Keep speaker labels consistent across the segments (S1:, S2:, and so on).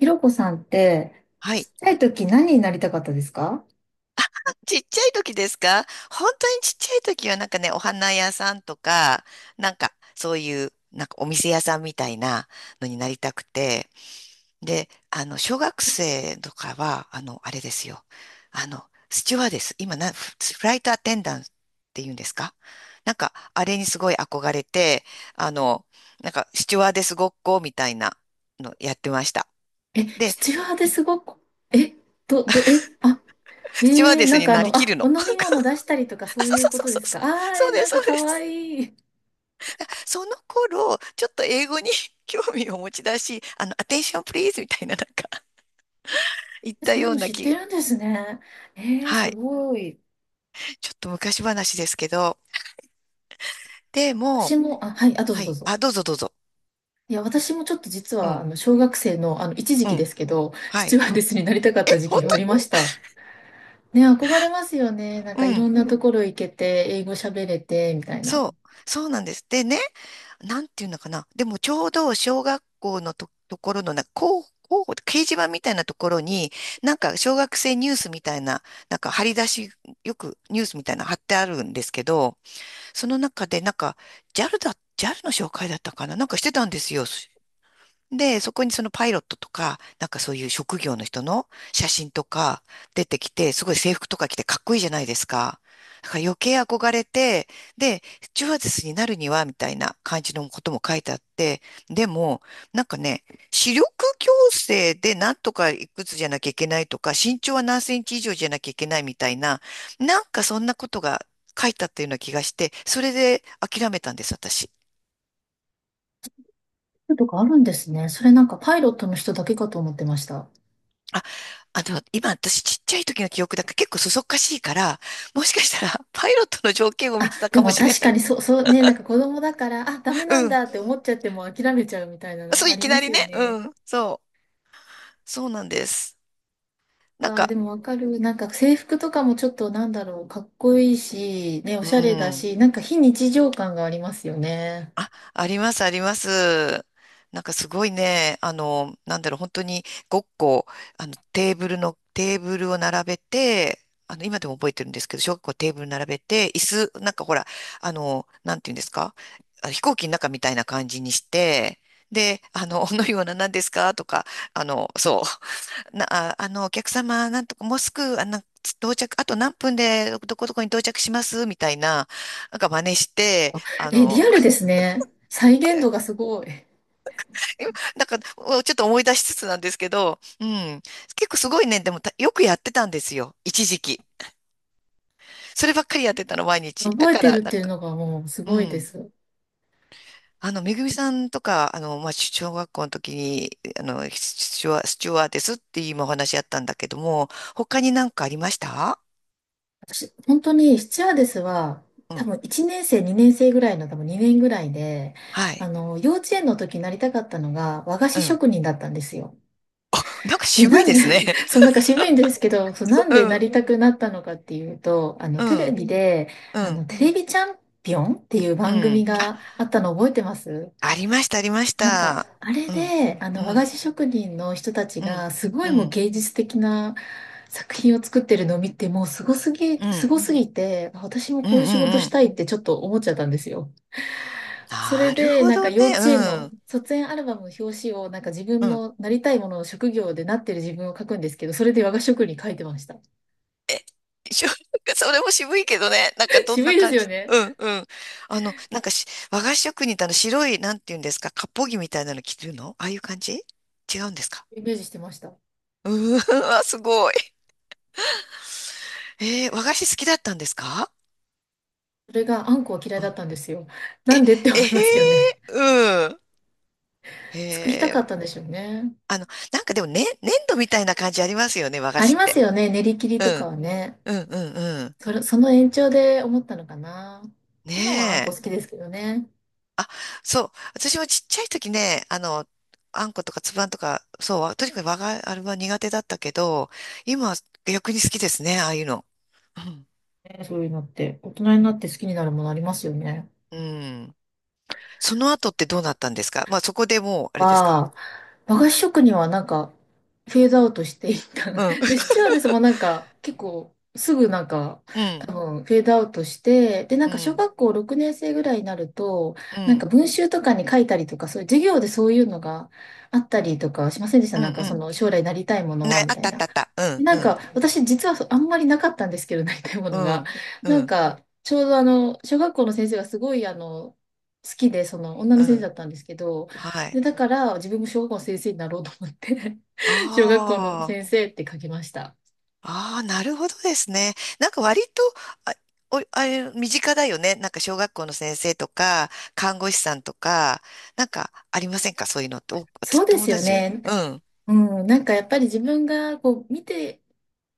S1: ひろこさんって、
S2: は
S1: ち
S2: い。
S1: っちゃい時何になりたかったですか？
S2: ちっちゃい時ですか？本当にちっちゃい時はなんかね、お花屋さんとか、なんかそういう、なんかお店屋さんみたいなのになりたくて。で、小学生とかは、あれですよ。スチュワーデス。今な、フフライトアテンダントって言うんですか？なんか、あれにすごい憧れて、あの、なんか、スチュワーデスごっこみたいなのやってました。
S1: え、
S2: で、
S1: スチュワーデスごっこ、え、ど、ど、え、あ、
S2: スチュワー
S1: えー、
S2: デ
S1: な
S2: ス
S1: ん
S2: に
S1: か
S2: なりきる
S1: お
S2: の。
S1: 飲 み物出したりとか
S2: あ、
S1: そう
S2: そ
S1: い
S2: う
S1: う
S2: そう
S1: こ
S2: そう
S1: とで
S2: そう
S1: す
S2: そ
S1: か？
S2: う。
S1: あー、
S2: そうで
S1: な
S2: す、
S1: んか
S2: そう
S1: か
S2: で
S1: わ
S2: す。
S1: いい。
S2: その頃、ちょっと英語に 興味を持ち出し、アテンションプリーズみたいななんか 言った
S1: そういう
S2: よう
S1: の
S2: な
S1: 知っ
S2: 気
S1: て
S2: が。
S1: るんですね。
S2: は
S1: す
S2: い。
S1: ごい。
S2: ちょっと昔話ですけど。で
S1: 私
S2: も、
S1: も、はい、どうぞ
S2: は
S1: どう
S2: い。
S1: ぞ。
S2: あ、どうぞどうぞ。
S1: いや、私もちょっと実
S2: う
S1: は、
S2: ん。
S1: 小学生の、一時
S2: う
S1: 期で
S2: ん。
S1: すけど、ス
S2: は
S1: チ
S2: い。
S1: ュワーデスになりたかっ
S2: え、
S1: た時
S2: 本
S1: 期があり
S2: 当？
S1: ました。ね、憧れますよね。なん
S2: う
S1: かいろ
S2: ん。
S1: んなところ行けて、英語喋れて、みたいな。
S2: そう。そうなんです。でね、なんていうのかな。でもちょうど小学校のと、ところのな、掲示板みたいなところに、なんか小学生ニュースみたいな、なんか張り出し、よくニュースみたいなの貼ってあるんですけど、その中で、なんか、ジャルの紹介だったかななんかしてたんですよ。で、そこにそのパイロットとか、なんかそういう職業の人の写真とか出てきて、すごい制服とか着てかっこいいじゃないですか。だから余計憧れて、で、スチュワーデスになるには、みたいな感じのことも書いてあって、でも、なんかね、視力矯正でなんとかいくつじゃなきゃいけないとか、身長は何センチ以上じゃなきゃいけないみたいな、なんかそんなことが書いてあったような気がして、それで諦めたんです、私。
S1: とかあるんですね。それなんかパイロットの人だけかと思ってました。
S2: あ、今私ちっちゃい時の記憶だから結構そそっかしいから、もしかしたら パイロットの条件を見てた
S1: で
S2: かも
S1: も
S2: しれ
S1: 確
S2: な
S1: か
S2: い。
S1: にそう、そうね、なんか子供だから、ダメ
S2: う
S1: なん
S2: ん。
S1: だって思っちゃっても諦めちゃうみたいな
S2: そ
S1: の
S2: う、
S1: あ
S2: い
S1: り
S2: き
S1: ま
S2: な
S1: す
S2: り
S1: よ
S2: ね。う
S1: ね。
S2: ん。そう。そうなんです。なん
S1: あー、で
S2: か、
S1: もわかる。なんか制服とかもちょっとなんだろう、かっこいいし、ね、お
S2: う
S1: しゃれだ
S2: ん。
S1: し、なんか非日常感がありますよね。
S2: あ、あります、あります。なんかすごいね、なんだろう、本当にごっこ、あの、テーブルの、テーブルを並べて、今でも覚えてるんですけど、小学校テーブル並べて、なんかほら、なんていうんですか、あ飛行機の中みたいな感じにして、で、おのような何ですかとか、あの、そう、な、あ、あの、お客様、なんとか、もうすぐ、到着、あと何分でどこどこに到着しますみたいな、なんか真似して、
S1: え、リアルですね。再現度がすごい。
S2: だかおちょっと思い出しつつなんですけど、うん。結構すごいね、でもたよくやってたんですよ。一時期。そればっかりやってたの、毎日。だ
S1: 覚え
S2: か
S1: て
S2: ら、
S1: るっ
S2: なん
S1: ていう
S2: か、
S1: のがもうす
S2: う
S1: ごいで
S2: ん。
S1: す。
S2: めぐみさんとか、まあ、小学校の時に、スチュワーデスっていう今お話あったんだけども、他になんかありました？
S1: 私、本当にスチュワーデスは、
S2: う
S1: 多
S2: ん。
S1: 分1年生、2年生ぐらいの、多分2年ぐらいで、
S2: はい。
S1: 幼稚園の時になりたかったのが和菓
S2: う
S1: 子
S2: ん。
S1: 職人だったんですよ。
S2: なんか
S1: で、
S2: 渋
S1: な
S2: いで
S1: んで、
S2: すね。
S1: そう、なんか渋いんですけど、そう、な んで
S2: う
S1: な
S2: ん。
S1: りたくなったのかっていうと、
S2: う
S1: テレ
S2: ん。
S1: ビで、
S2: うん。
S1: テレビチャンピオンっていう
S2: う
S1: 番組
S2: ん。あ、
S1: があったの覚えてます？
S2: ありました、ありまし
S1: なんか、
S2: た。
S1: あれ
S2: うん。
S1: で、
S2: う
S1: 和菓
S2: ん。
S1: 子職人の人たち
S2: うん。
S1: が、すご
S2: う
S1: いもう
S2: ん。
S1: 芸術的な作品を作ってるのを見て、もうすごすぎ、
S2: う
S1: す
S2: ん。
S1: ごすぎて、私も
S2: うんう
S1: こ
S2: ん
S1: ういう仕事
S2: う
S1: し
S2: ん。
S1: たいってちょっと思っちゃったんですよ。それ
S2: なる
S1: で、
S2: ほ
S1: なんか
S2: どね。
S1: 幼稚園
S2: う
S1: の
S2: ん。
S1: 卒園アルバムの表紙を、なんか自分
S2: うん。
S1: のなりたいものの職業でなってる自分を書くんですけど、それで和菓子職に書いてました。
S2: しょ それも渋いけどね。なんか どん
S1: 渋
S2: な
S1: いです
S2: 感
S1: よ
S2: じ。
S1: ね。
S2: うんうん。なんかし和菓子職人ってあの白い、なんて言うんですか、割烹着みたいなの着てるのああいう感じ違うんですか？
S1: イメージしてました。
S2: うーん、あ、すごい。えー、和菓子好きだったんですか？
S1: それがあんこは嫌い
S2: う
S1: だ
S2: ん。
S1: ったんですよ。なんでって
S2: え
S1: 思いますよね。
S2: ー、うん。
S1: 作りた
S2: え
S1: かっ
S2: ー、
S1: たんでしょうね。
S2: あの、なんかでもね、ね粘土みたいな感じありますよね、和菓
S1: あり
S2: 子っ
S1: ます
S2: て。
S1: よね、練り切り
S2: う
S1: とか
S2: ん、
S1: はね。
S2: うん、うん、うん。
S1: その延長で思ったのかな。
S2: ね
S1: 今はあんこ
S2: え。
S1: 好きですけどね。
S2: あ、そう。私もちっちゃい時ね、あんことかつぶあんとか、そう、わとにかく我があれは苦手だったけど、今は逆に好きですね、ああいうの。うん。
S1: ねそういうのって、大人になって好きになるものありますよね。
S2: うん。その後ってどうなったんですか？まあそこでもう、あれですか？
S1: は、和菓子職人はなんか、フェードアウトしていった。
S2: うん。
S1: で、スチュワーデスもなんか、結構、すぐなんか、
S2: う
S1: 多
S2: ん。
S1: 分、フェードアウトして、で、なん
S2: う
S1: か、小
S2: ん。
S1: 学校6年生ぐらいになると、
S2: う
S1: なんか、
S2: ん。
S1: 文集とかに書いたりとか、そういう授業でそういうのがあったりとかしませんでした？
S2: うん。う
S1: なんか、そ
S2: ん。
S1: の、将来なりたいもの
S2: ね、
S1: は、み
S2: あっ
S1: たい
S2: たあっ
S1: な。
S2: たあった。うん。
S1: な
S2: う
S1: んか、
S2: ん。
S1: 私実はあんまりなかったんですけど、なりたいも
S2: う
S1: のが。
S2: ん。う
S1: なん
S2: ん。
S1: か、ちょうど小学校の先生がすごい好きで、その女の
S2: う
S1: 先生だ
S2: ん。
S1: ったんですけど、
S2: は
S1: で、
S2: い。
S1: だから自分も小学校の先生になろうと思って 小学校の
S2: ああ。
S1: 先生って書きました。
S2: ああ、なるほどですね。なんか割と、あ、あれ、身近だよね。なんか小学校の先生とか、看護師さんとか、なんかありませんかそういうのって。お、私
S1: そうで
S2: 友
S1: すよ
S2: 達、
S1: ね。
S2: うん、
S1: うん、なんかやっぱり自分がこう見て、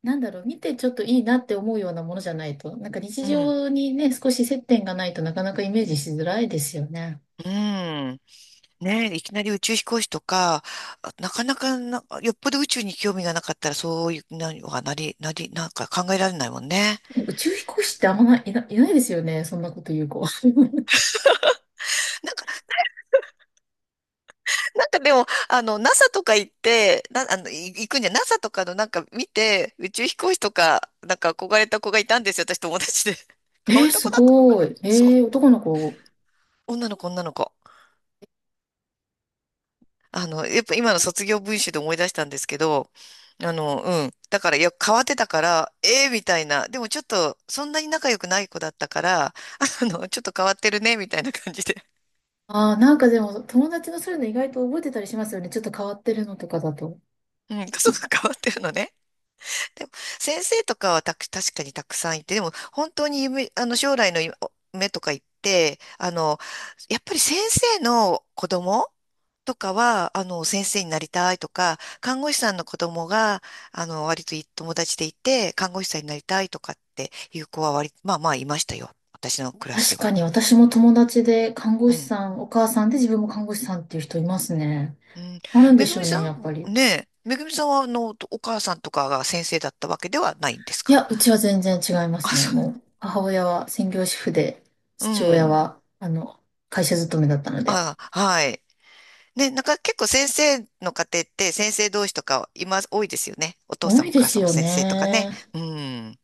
S1: なんだろう、見てちょっといいなって思うようなものじゃないと、なんか日
S2: うん、
S1: 常にね、少し接点がないとなかなかイメージしづらいですよね。
S2: うん。ねえ、いきなり宇宙飛行士とか、あなかなかな、よっぽど宇宙に興味がなかったら、そういう、な、はなり、なり、なんか考えられないもんね。
S1: 宇宙飛行士ってあんまない、いないですよね。そんなこと言う子。
S2: なんかでも、NASA とか行って、な、あの、い行くんじゃ、NASA とかのなんか見て、宇宙飛行士とか、なんか憧れた子がいたんですよ、私友達で。変わった
S1: す
S2: 子だったのか
S1: ご
S2: な
S1: い。
S2: そう。
S1: 男の子。
S2: 女の子、女の子。やっぱ今の卒業文集で思い出したんですけど、うん。だから、いや、変わってたから、ええみたいな。でもちょっと、そんなに仲良くない子だったから、ちょっと変わってるね、みたいな感じで。
S1: ああ、なんかでも、友達のそういうの意外と覚えてたりしますよね。ちょっと変わってるのとかだと。
S2: うん、家族変わってるのね。でも、先生とかはたく、確かにたくさんいて、でも、本当に夢、あの、将来の夢とか言って、やっぱり先生の子供とかは、先生になりたいとか、看護師さんの子供が、割といい友達でいて、看護師さんになりたいとかっていう子は割、まあまあいましたよ。私のクラスで
S1: 確
S2: は。
S1: かに、私も友達で看護
S2: う
S1: 師
S2: ん。
S1: さん、お母さんで自分も看護師さんっていう人いますね。
S2: うん。
S1: あるんで
S2: めぐ
S1: しょ
S2: み
S1: う
S2: さ
S1: ね、やっぱり。
S2: んねえ、めぐみさんは、お母さんとかが先生だったわけではないんです
S1: い
S2: か？
S1: や、うちは全然違いま
S2: あ、
S1: すね。
S2: そ
S1: も
S2: う。
S1: う、母親は専業主婦で、
S2: う
S1: 父親
S2: ん。
S1: は、会社勤めだったので。
S2: あ、はい。ね、なんか結構先生の家庭って先生同士とか今多いですよね。お父
S1: 多
S2: さん
S1: い
S2: もお
S1: で
S2: 母
S1: す
S2: さんも
S1: よ
S2: 先生とかね。
S1: ね。
S2: うん。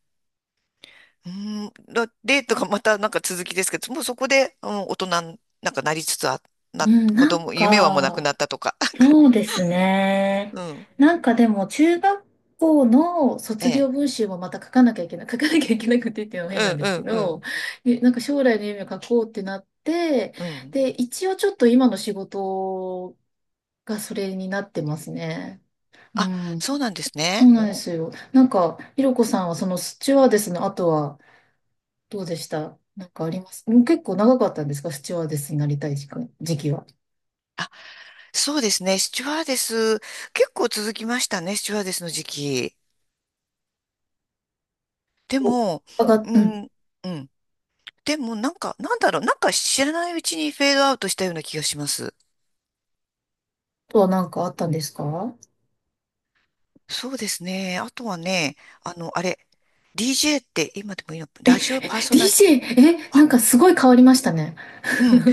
S2: うん、だデートがまたなんか続きですけど、もうそこで、うん、大人になんかなりつつあ、
S1: う
S2: な、
S1: ん、
S2: 子
S1: なん
S2: 供、夢はもうなく
S1: か、
S2: なったとか。か
S1: そうですね。
S2: うん。
S1: なんかでも、中学校の
S2: え
S1: 卒業
S2: え。
S1: 文集もまた書かなきゃいけない、書かなきゃいけなくてっていうのも変
S2: う
S1: なん
S2: ん
S1: で
S2: う
S1: すけ
S2: んう
S1: ど、
S2: ん。
S1: なんか将来の夢を書こうってなって、
S2: うん。
S1: で、一応ちょっと今の仕事がそれになってますね。う
S2: あ、
S1: ん。
S2: そうなんですね。
S1: そうなんですよ。なんか、ひろこさんはそのスチュワーデスの後はどうでした？なんかあります？うん、結構長かったんですか？スチュワーデスになりたい時期は。
S2: そうですね。スチュワーデス、結構続きましたね、スチュワーデスの時期。で
S1: お、
S2: も、
S1: あが、
S2: う
S1: うん。
S2: ん、うん。でもなんか、なんだろう、なんか知らないうちにフェードアウトしたような気がします。
S1: とはなんかあったんですか？
S2: そうですね。あとはね、あの、あれ、DJ って今でもいいの、ラジオパーソナリティ、
S1: DJ、なんかすごい変わりましたね。
S2: うん。なん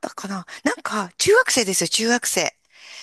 S2: だかな。なんか、中学生ですよ、中学生。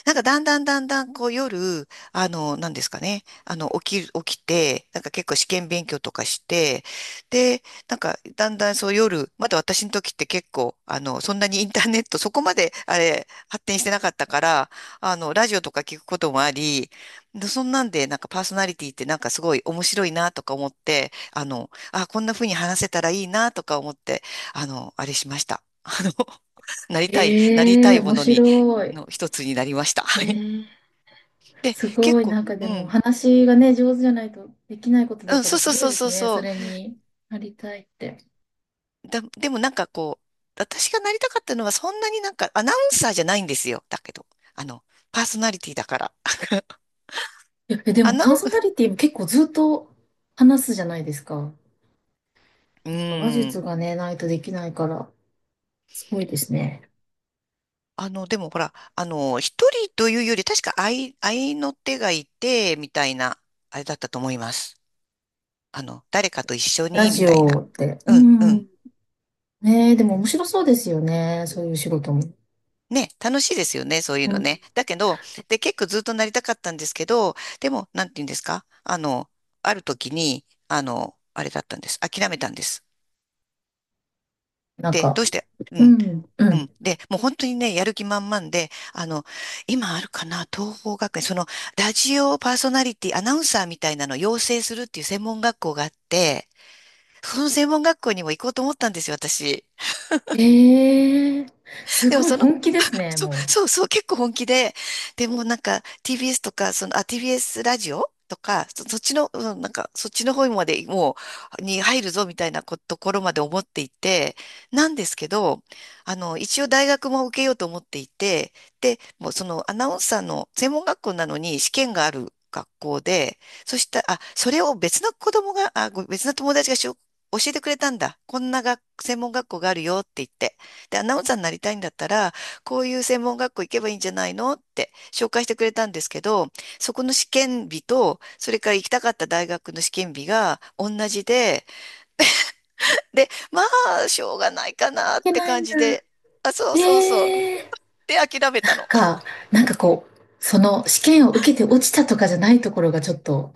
S2: なんか、だんだんだんだん、こう、夜、なんですかね。起きて、なんか結構試験勉強とかして、で、なんか、だんだんそう夜、まだ私の時って結構、そんなにインターネット、そこまで、あれ、発展してなかったから、ラジオとか聞くこともあり、でそんなんで、なんかパーソナリティってなんかすごい面白いなとか思って、あ、こんな風に話せたらいいなとか思って、あれしました。あの、なりた
S1: ええ
S2: いも
S1: 面
S2: のに、
S1: 白い。
S2: の一つになりました。
S1: え
S2: はい。
S1: ー
S2: で、
S1: す
S2: 結
S1: ごい、
S2: 構、
S1: なんか
S2: う
S1: でも
S2: ん。
S1: 話がね、上手じゃないとできないこと
S2: う
S1: だ
S2: ん、
S1: から
S2: そう
S1: す
S2: そう
S1: ご
S2: そ
S1: い
S2: う
S1: です
S2: そう
S1: ね。そ
S2: そ
S1: れになりたいって。
S2: う。だ、でもなんかこう、私がなりたかったのはそんなになんかアナウンサーじゃないんですよ。だけど、あの、パーソナリティだから。
S1: いや、で
S2: ア
S1: も
S2: ナ
S1: パーソナリティも結構ずっと話すじゃないですか。
S2: ウン、
S1: 話
S2: うん。
S1: 術がね、ないとできないから、すごいですね。
S2: でもほら、一人というより、確か愛、愛の手がいて、みたいな、あれだったと思います。誰かと一緒
S1: ラ
S2: に、み
S1: ジ
S2: たいな。
S1: オって。う
S2: うん、う
S1: ん。
S2: ん。
S1: ねえ、でも面白そうですよね。そういう仕事も。
S2: ね、楽しいですよね、そういう
S1: う
S2: の
S1: ん。
S2: ね。だけど、で、結構ずっとなりたかったんですけど、でも、なんて言うんですかあの、ある時に、あれだったんです。諦めたんです。
S1: なん
S2: で、
S1: か、
S2: どうして、う
S1: う
S2: ん、
S1: ん、う
S2: う
S1: ん。
S2: ん。で、もう本当にね、やる気満々で、今あるかな、東邦学園、その、ラジオパーソナリティ、アナウンサーみたいなのを養成するっていう専門学校があって、その専門学校にも行こうと思ったんですよ、私。
S1: ええー す
S2: でも
S1: ごい
S2: その、
S1: 本気です ね、
S2: そう、
S1: も
S2: そうそう、結構本気で、でもなんか TBS とか、TBS ラジオとか、そっちの、うんなんか、そっちの方までもに入るぞみたいなことところまで思っていて、なんですけど、一応大学も受けようと思っていて、で、もうそのアナウンサーの専門学校なのに試験がある学校で、そしたら、あ、それを別の子供が、あ、ご別の友達が教えてくれたんだ。こんな学専門学校があるよって言って。で、アナウンサーになりたいんだったら、こういう専門学校行けばいいんじゃないのって紹介してくれたんですけど、そこの試験日と、それから行きたかった大学の試験日が同じで、で、まあ、しょうがないか
S1: う
S2: な
S1: い
S2: っ
S1: け
S2: て
S1: ない
S2: 感
S1: んだ。
S2: じで、あ、そうそうそう。
S1: えー
S2: で、諦め
S1: な
S2: た
S1: ん
S2: の。
S1: か、なんかこう、その試験を受けて落ちたとかじゃないところがちょっと、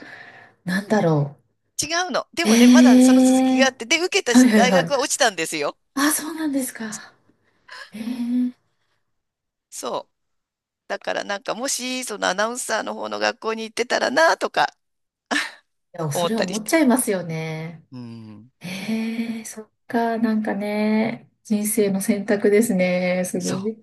S1: なんだろ
S2: 違うの。で
S1: う。
S2: もね、まだその続
S1: え
S2: き
S1: えー
S2: があって、で、受けた
S1: はいはい
S2: 大
S1: は
S2: 学
S1: い。
S2: は落ちたんですよ。
S1: そうなんですか。ええーい
S2: そう。だからなんか、もし、そのアナウンサーの方の学校に行ってたらな、とか
S1: や、
S2: 思
S1: そ
S2: っ
S1: れは
S2: たり
S1: 思
S2: し
S1: っ
S2: て。
S1: ちゃいますよね。
S2: うん、
S1: ええーそっか、なんかね、人生の選択ですね、す
S2: そ
S1: ご
S2: う。
S1: い。